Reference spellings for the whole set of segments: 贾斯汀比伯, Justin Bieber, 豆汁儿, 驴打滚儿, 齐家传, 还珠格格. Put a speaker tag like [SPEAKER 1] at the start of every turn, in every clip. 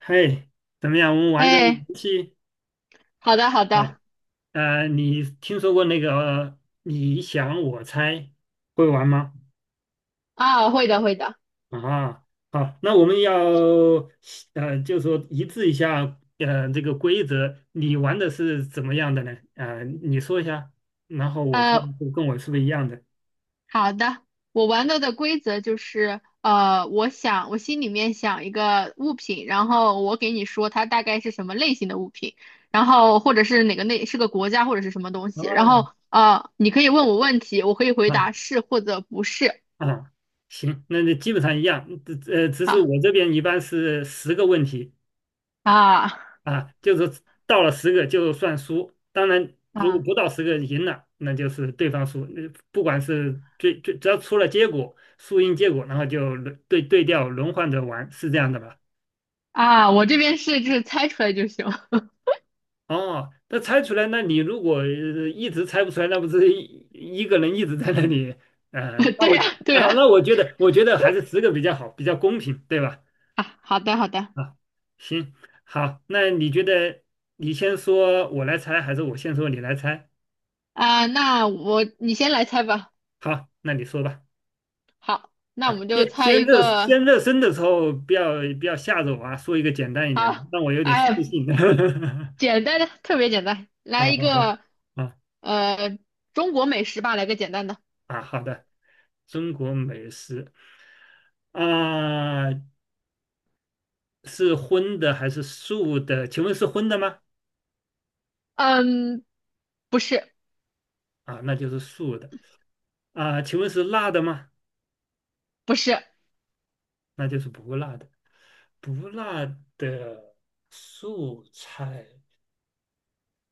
[SPEAKER 1] 嘿，怎么样？我们玩个
[SPEAKER 2] 哎，
[SPEAKER 1] 游戏
[SPEAKER 2] 好的好
[SPEAKER 1] 啊？
[SPEAKER 2] 的。
[SPEAKER 1] 你听说过那个你想我猜会玩吗？
[SPEAKER 2] 啊，会的会的。
[SPEAKER 1] 啊，好，那我们要就说一致一下这个规则，你玩的是怎么样的呢？你说一下，然后我看
[SPEAKER 2] 呃，
[SPEAKER 1] 跟我是不是一样的。
[SPEAKER 2] 好的。我玩到的规则就是，我想我心里面想一个物品，然后我给你说它大概是什么类型的物品，然后或者是哪个类是个国家或者是什么东西，然
[SPEAKER 1] 哦，
[SPEAKER 2] 后啊，你可以问我问题，我可以回
[SPEAKER 1] 啊
[SPEAKER 2] 答是或者不是。
[SPEAKER 1] 啊，行，那基本上一样，只是
[SPEAKER 2] 啊
[SPEAKER 1] 我这边一般是十个问题。
[SPEAKER 2] 啊
[SPEAKER 1] 啊，就是到了十个就算输，当然如果
[SPEAKER 2] 啊
[SPEAKER 1] 不到十个赢了，那就是对方输，那不管是只要出了结果，输赢结果，然后就轮对调轮换着玩，是这样的吧？
[SPEAKER 2] 啊，我这边是就是猜出来就行。
[SPEAKER 1] 哦，那猜出来，那你如果一直猜不出来，那不是一个人一直在那里，呃，那
[SPEAKER 2] 对
[SPEAKER 1] 我
[SPEAKER 2] 呀对
[SPEAKER 1] 啊，
[SPEAKER 2] 呀。
[SPEAKER 1] 那我觉得，我觉得还是十个比较好，比较公平，对吧？
[SPEAKER 2] 啊，好的好的。
[SPEAKER 1] 啊，行，好，那你觉得你先说我来猜，还是我先说你来猜？
[SPEAKER 2] 啊，那你先来猜吧。
[SPEAKER 1] 好，那你说吧。
[SPEAKER 2] 好，那
[SPEAKER 1] 啊，
[SPEAKER 2] 我们就
[SPEAKER 1] 先
[SPEAKER 2] 猜
[SPEAKER 1] 先
[SPEAKER 2] 一
[SPEAKER 1] 热
[SPEAKER 2] 个。
[SPEAKER 1] 先热身的时候，不要吓着我啊，说一个简单一点的，
[SPEAKER 2] 好，
[SPEAKER 1] 让我有点自
[SPEAKER 2] 哎，
[SPEAKER 1] 信。
[SPEAKER 2] 简单的，特别简单，
[SPEAKER 1] 好
[SPEAKER 2] 来一
[SPEAKER 1] 好好，
[SPEAKER 2] 个，
[SPEAKER 1] 啊
[SPEAKER 2] 呃，中国美食吧，来个简单的。
[SPEAKER 1] 啊，好的。中国美食啊，是荤的还是素的？请问是荤的吗？
[SPEAKER 2] 嗯，不是，
[SPEAKER 1] 啊，那就是素的。啊，请问是辣的吗？
[SPEAKER 2] 不是。
[SPEAKER 1] 那就是不辣的。不辣的素菜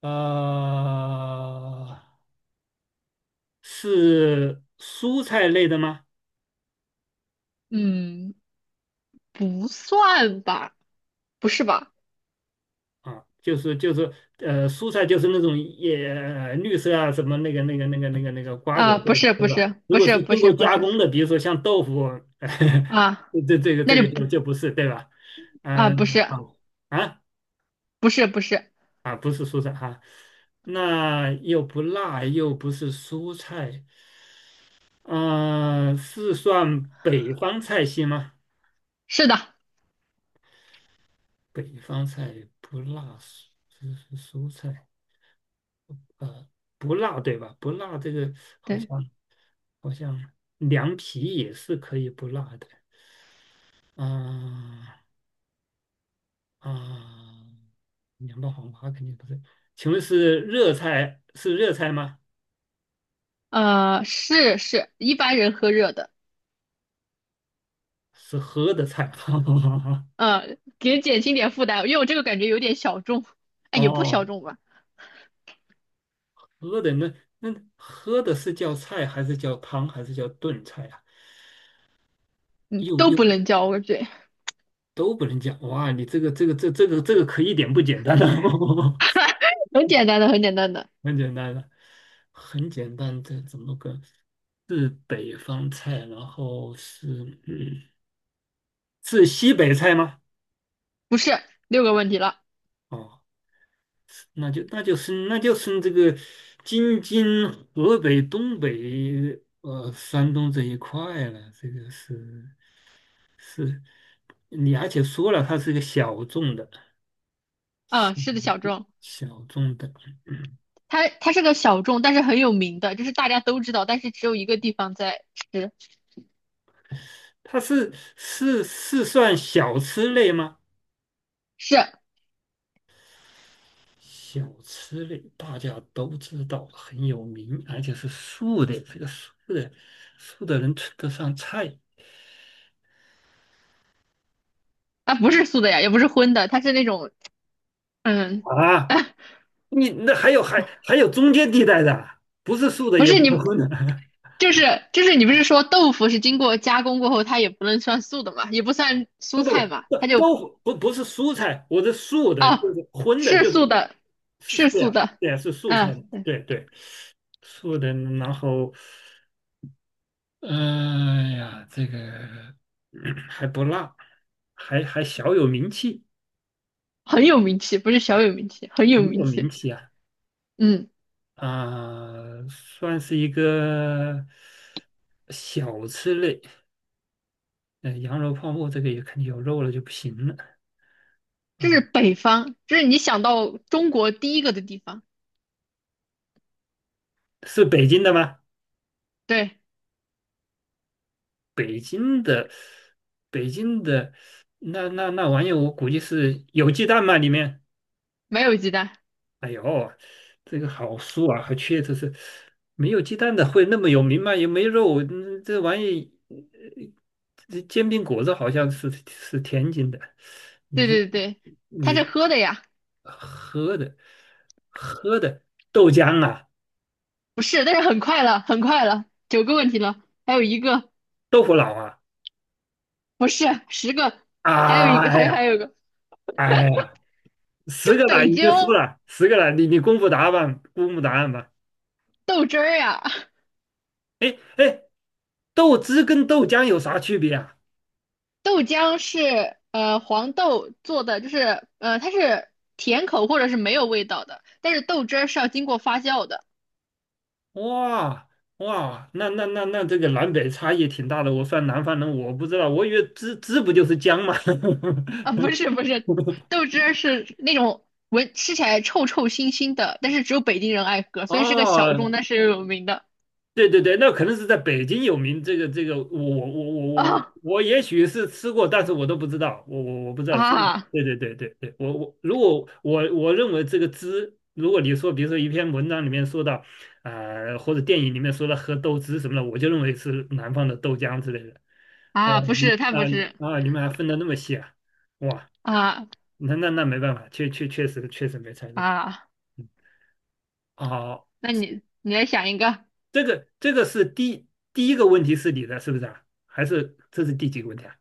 [SPEAKER 1] 啊。是蔬菜类的吗？
[SPEAKER 2] 嗯，不算吧，不是吧？
[SPEAKER 1] 啊，就是蔬菜就是那种也绿色啊，什么那个瓜果
[SPEAKER 2] 啊，
[SPEAKER 1] 做
[SPEAKER 2] 不
[SPEAKER 1] 的，
[SPEAKER 2] 是，
[SPEAKER 1] 对
[SPEAKER 2] 不
[SPEAKER 1] 吧？
[SPEAKER 2] 是，
[SPEAKER 1] 如
[SPEAKER 2] 不
[SPEAKER 1] 果是
[SPEAKER 2] 是，不
[SPEAKER 1] 经
[SPEAKER 2] 是，
[SPEAKER 1] 过
[SPEAKER 2] 不
[SPEAKER 1] 加
[SPEAKER 2] 是。
[SPEAKER 1] 工的，比如说像豆腐，
[SPEAKER 2] 啊，
[SPEAKER 1] 这这个
[SPEAKER 2] 那
[SPEAKER 1] 这
[SPEAKER 2] 就
[SPEAKER 1] 个
[SPEAKER 2] 不。
[SPEAKER 1] 就不是，对吧？
[SPEAKER 2] 啊，不
[SPEAKER 1] 嗯，
[SPEAKER 2] 是，
[SPEAKER 1] 好啊
[SPEAKER 2] 不是，不是。
[SPEAKER 1] 啊，不是蔬菜哈、啊那又不辣，又不是蔬菜，嗯、是算北方菜系吗？
[SPEAKER 2] 是的。
[SPEAKER 1] 北方菜不辣，是蔬菜。呃，不辣对吧？不辣这个好
[SPEAKER 2] 对，
[SPEAKER 1] 像好像凉皮也是可以不辣的啊啊，凉拌黄瓜肯定不是。请问是热菜吗？
[SPEAKER 2] 是是，一般人喝热的，
[SPEAKER 1] 是喝的菜？
[SPEAKER 2] 给减轻点负担，因为我这个感觉有点小众。哎，也不
[SPEAKER 1] 哦，
[SPEAKER 2] 小众吧。
[SPEAKER 1] 喝的那喝的是叫菜还是叫汤还是叫炖菜啊？
[SPEAKER 2] 嗯，
[SPEAKER 1] 又
[SPEAKER 2] 都
[SPEAKER 1] 又
[SPEAKER 2] 不能叫我嘴。
[SPEAKER 1] 都不能讲哇！你这个可一点不简单了，
[SPEAKER 2] 很简单的，很简单的。
[SPEAKER 1] 很简单了，很简单，这怎么个？是北方菜，然后嗯是西北菜吗？
[SPEAKER 2] 不是，六个问题了。
[SPEAKER 1] 哦，那就是这个京津河北东北山东这一块了，这个是是，你而且说了它是一个小众的
[SPEAKER 2] 嗯，是的，小众。
[SPEAKER 1] 小众的，嗯
[SPEAKER 2] 它是个小众，但是很有名的，就是大家都知道，但是只有一个地方在吃。
[SPEAKER 1] 它是算小吃类吗？
[SPEAKER 2] 是。
[SPEAKER 1] 小吃类大家都知道很有名，而且是素的，这个素的能吃得上菜
[SPEAKER 2] 它不是素的呀，也不是荤的，它是那种，嗯，
[SPEAKER 1] 啊？你那还有中间地带的，不是素的
[SPEAKER 2] 不
[SPEAKER 1] 也
[SPEAKER 2] 是
[SPEAKER 1] 不是
[SPEAKER 2] 你，
[SPEAKER 1] 荤的，
[SPEAKER 2] 就是你不是说豆腐是经过加工过后，它也不能算素的嘛，也不算
[SPEAKER 1] 不
[SPEAKER 2] 蔬
[SPEAKER 1] 不
[SPEAKER 2] 菜嘛，
[SPEAKER 1] 不，
[SPEAKER 2] 它就。
[SPEAKER 1] 都不是蔬菜，我的素的就
[SPEAKER 2] 啊，
[SPEAKER 1] 是荤的，
[SPEAKER 2] 是
[SPEAKER 1] 就是
[SPEAKER 2] 素的，
[SPEAKER 1] 是
[SPEAKER 2] 是
[SPEAKER 1] 这
[SPEAKER 2] 素
[SPEAKER 1] 样，
[SPEAKER 2] 的。
[SPEAKER 1] 对呀是素菜，
[SPEAKER 2] 嗯，对。
[SPEAKER 1] 对对，素的，然后，哎呀，这个还不辣，还小有名气，
[SPEAKER 2] 很有名气，不是小有名气，很有
[SPEAKER 1] 很
[SPEAKER 2] 名
[SPEAKER 1] 有名
[SPEAKER 2] 气。
[SPEAKER 1] 气啊。
[SPEAKER 2] 嗯。
[SPEAKER 1] 啊、算是一个小吃类。嗯、羊肉泡馍这个也肯定有肉了就不行了。
[SPEAKER 2] 这是
[SPEAKER 1] 啊、
[SPEAKER 2] 北方，这是你想到中国第一个的地方。
[SPEAKER 1] 是北京的吗？
[SPEAKER 2] 对。
[SPEAKER 1] 北京的，北京的，那玩意儿，我估计是有鸡蛋吗？里面？
[SPEAKER 2] 没有鸡蛋。
[SPEAKER 1] 哎呦，这个好酥啊，还缺这是没有鸡蛋的会那么有名吗？也没肉，这玩意，这煎饼果子好像是天津的，你
[SPEAKER 2] 对
[SPEAKER 1] 这
[SPEAKER 2] 对对。它
[SPEAKER 1] 你。
[SPEAKER 2] 是喝的呀。
[SPEAKER 1] 喝的喝的豆浆啊，
[SPEAKER 2] 不是，但是很快了，很快了，九个问题了，还有一个。
[SPEAKER 1] 豆腐脑啊，
[SPEAKER 2] 不是，十个，还有一个，
[SPEAKER 1] 哎
[SPEAKER 2] 还
[SPEAKER 1] 呀
[SPEAKER 2] 有一个。
[SPEAKER 1] 哎呀，十
[SPEAKER 2] 这
[SPEAKER 1] 个奶
[SPEAKER 2] 北
[SPEAKER 1] 你
[SPEAKER 2] 京
[SPEAKER 1] 就输了，十个奶你公布答案吧，公布答案吧。
[SPEAKER 2] 豆汁儿呀。
[SPEAKER 1] 哎哎，豆汁跟豆浆有啥区别啊？
[SPEAKER 2] 豆浆是黄豆做的，就是它是甜口或者是没有味道的，但是豆汁儿是要经过发酵的。
[SPEAKER 1] 哇哇，那那那那这个南北差异挺大的。我算南方人，我不知道，我以为汁不就是姜吗？
[SPEAKER 2] 啊，不是不是，豆汁儿是那种闻吃起来臭臭腥腥的，但是只有北京人爱喝，所以是个小众
[SPEAKER 1] 哦
[SPEAKER 2] 但是又有名的。
[SPEAKER 1] 对对对，那可能是在北京有名。我我我我
[SPEAKER 2] 啊
[SPEAKER 1] 我也许是吃过，但是我都不知道，我不知道。
[SPEAKER 2] 啊
[SPEAKER 1] 对对对对对，我如果我认为这个汁，如果你说比如说一篇文章里面说到，或者电影里面说到喝豆汁什么的，我就认为是南方的豆浆之类的。哦，
[SPEAKER 2] 啊！不是，
[SPEAKER 1] 你
[SPEAKER 2] 太不
[SPEAKER 1] 啊你
[SPEAKER 2] 是。
[SPEAKER 1] 啊，你们还分得那么细啊？哇，
[SPEAKER 2] 啊
[SPEAKER 1] 那没办法，确实没猜中。
[SPEAKER 2] 啊！
[SPEAKER 1] 嗯，好。
[SPEAKER 2] 那你来想一个。
[SPEAKER 1] 这个是第一个问题是你的，是不是啊？还是这是第几个问题啊？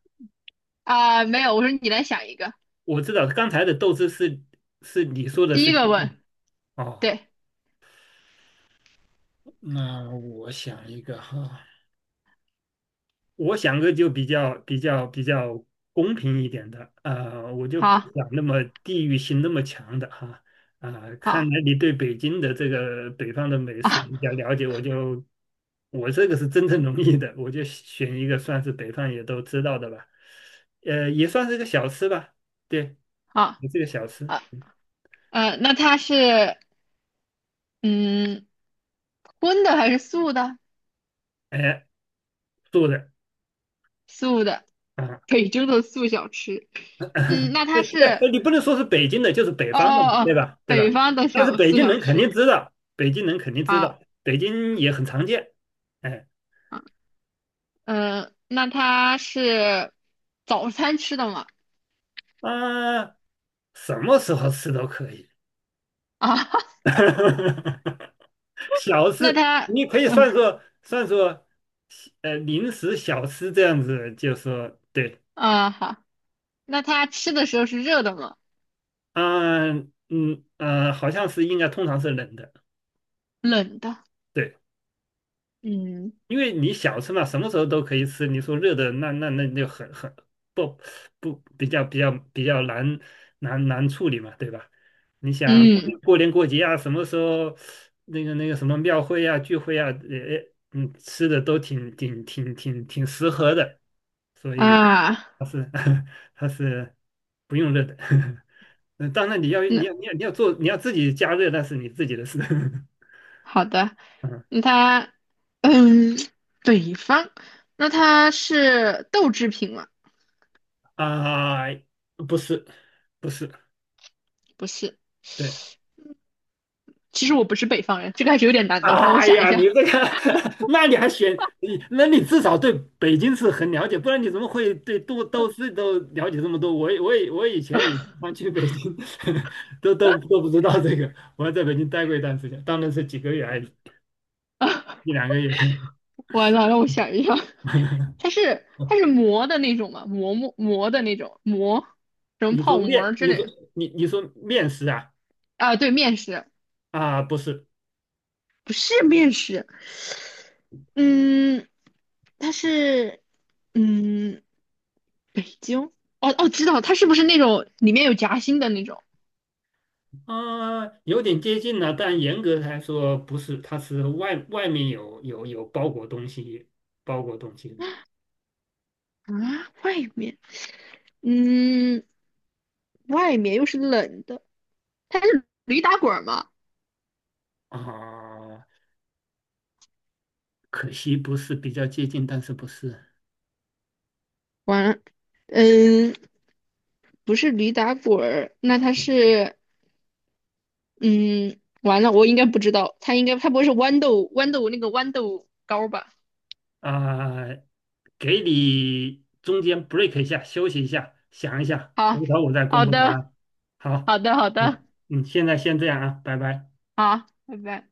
[SPEAKER 2] 啊？没有，我说你来想一个。
[SPEAKER 1] 我知道刚才的斗志是你说的
[SPEAKER 2] 第
[SPEAKER 1] 是
[SPEAKER 2] 一个问。
[SPEAKER 1] 哦，
[SPEAKER 2] 对。
[SPEAKER 1] 那我想一个哈，我想个就比较公平一点的，我就不
[SPEAKER 2] 好，
[SPEAKER 1] 想那么地域性那么强的哈，啊、看
[SPEAKER 2] 好
[SPEAKER 1] 来你对北京的这个北方的美食
[SPEAKER 2] 啊
[SPEAKER 1] 比较了解，我这个是真正容易的，我就选一个算是北方也都知道的吧，也算是个小吃吧，对，
[SPEAKER 2] 好
[SPEAKER 1] 也是个小吃，
[SPEAKER 2] 啊。那它是嗯荤的还是素的？
[SPEAKER 1] 哎，做的
[SPEAKER 2] 素的，
[SPEAKER 1] 啊、
[SPEAKER 2] 北京的素小吃。嗯，那 它是。
[SPEAKER 1] 对，你不能说是北京的，就是北
[SPEAKER 2] 哦
[SPEAKER 1] 方的嘛，
[SPEAKER 2] 哦
[SPEAKER 1] 对
[SPEAKER 2] 哦，
[SPEAKER 1] 吧？对吧？
[SPEAKER 2] 北方的
[SPEAKER 1] 但是
[SPEAKER 2] 小
[SPEAKER 1] 北
[SPEAKER 2] 四
[SPEAKER 1] 京
[SPEAKER 2] 小
[SPEAKER 1] 人肯定
[SPEAKER 2] 吃。
[SPEAKER 1] 知道，北京人肯定知
[SPEAKER 2] 好，
[SPEAKER 1] 道，北京也很常见。哎，
[SPEAKER 2] 嗯。呃，那它是早餐吃的吗？
[SPEAKER 1] 啊，什么时候吃都可以，
[SPEAKER 2] 啊，
[SPEAKER 1] 小
[SPEAKER 2] 那
[SPEAKER 1] 吃
[SPEAKER 2] 它，
[SPEAKER 1] 你可以
[SPEAKER 2] 嗯
[SPEAKER 1] 算作，零食小吃这样子，就说对，
[SPEAKER 2] 好，那它吃的时候是热的吗？
[SPEAKER 1] 啊，好像是应该通常是冷的，
[SPEAKER 2] 冷的。
[SPEAKER 1] 对。
[SPEAKER 2] 嗯
[SPEAKER 1] 因为你小吃嘛，什么时候都可以吃。你说热的，那就很不不比较难处理嘛，对吧？你想
[SPEAKER 2] 嗯。
[SPEAKER 1] 过年过节啊，什么时候那个什么庙会啊、聚会啊，吃的都挺适合的，所以
[SPEAKER 2] 啊，
[SPEAKER 1] 它是 它是不用热的。嗯，当然你要你
[SPEAKER 2] 那
[SPEAKER 1] 要你要你要做，你要自己加热，那是你自己的事。
[SPEAKER 2] 好的，
[SPEAKER 1] 嗯
[SPEAKER 2] 那它，嗯，北方，那它是豆制品吗？
[SPEAKER 1] 啊，不是不是。
[SPEAKER 2] 不是，
[SPEAKER 1] 对，
[SPEAKER 2] 其实我不是北方人，这个还是有点难的，让我
[SPEAKER 1] 哎
[SPEAKER 2] 想一
[SPEAKER 1] 呀，你
[SPEAKER 2] 下。
[SPEAKER 1] 这个，那你还选你？那你至少对北京市很了解，不然你怎么会对都市都了解这么多？我也我以前也经常去北京，都不知道这个。我还在北京待过一段时间，当然是几个月而已，一两个月。
[SPEAKER 2] 完了，让我想一下。它是馍的那种嘛？馍的那种馍，什么
[SPEAKER 1] 你说
[SPEAKER 2] 泡馍
[SPEAKER 1] 面，
[SPEAKER 2] 儿之
[SPEAKER 1] 你
[SPEAKER 2] 类
[SPEAKER 1] 说
[SPEAKER 2] 的。
[SPEAKER 1] 你说面食啊？
[SPEAKER 2] 啊？对，面食。
[SPEAKER 1] 啊，不是，
[SPEAKER 2] 不是面食。嗯，它是嗯北京。哦哦，知道它是不是那种里面有夹心的那种。
[SPEAKER 1] 啊、有点接近了，但严格来说不是，它是面有包裹东西，包裹东西的。
[SPEAKER 2] 啊？外面。嗯，外面又是冷的，它是驴打滚儿吗？
[SPEAKER 1] 啊，可惜不是比较接近，但是不是
[SPEAKER 2] 完了。嗯，不是驴打滚儿。那它是嗯，完了，我应该不知道，它应该它不会是豌豆那个豌豆糕吧？
[SPEAKER 1] 啊，给你中间 break 一下，休息一下，想一下，
[SPEAKER 2] 好，
[SPEAKER 1] 回头我再公
[SPEAKER 2] 好
[SPEAKER 1] 布答
[SPEAKER 2] 的，
[SPEAKER 1] 案。好，
[SPEAKER 2] 好的，好
[SPEAKER 1] 好，
[SPEAKER 2] 的。
[SPEAKER 1] 嗯，现在先这样啊，拜拜。
[SPEAKER 2] 好，拜拜。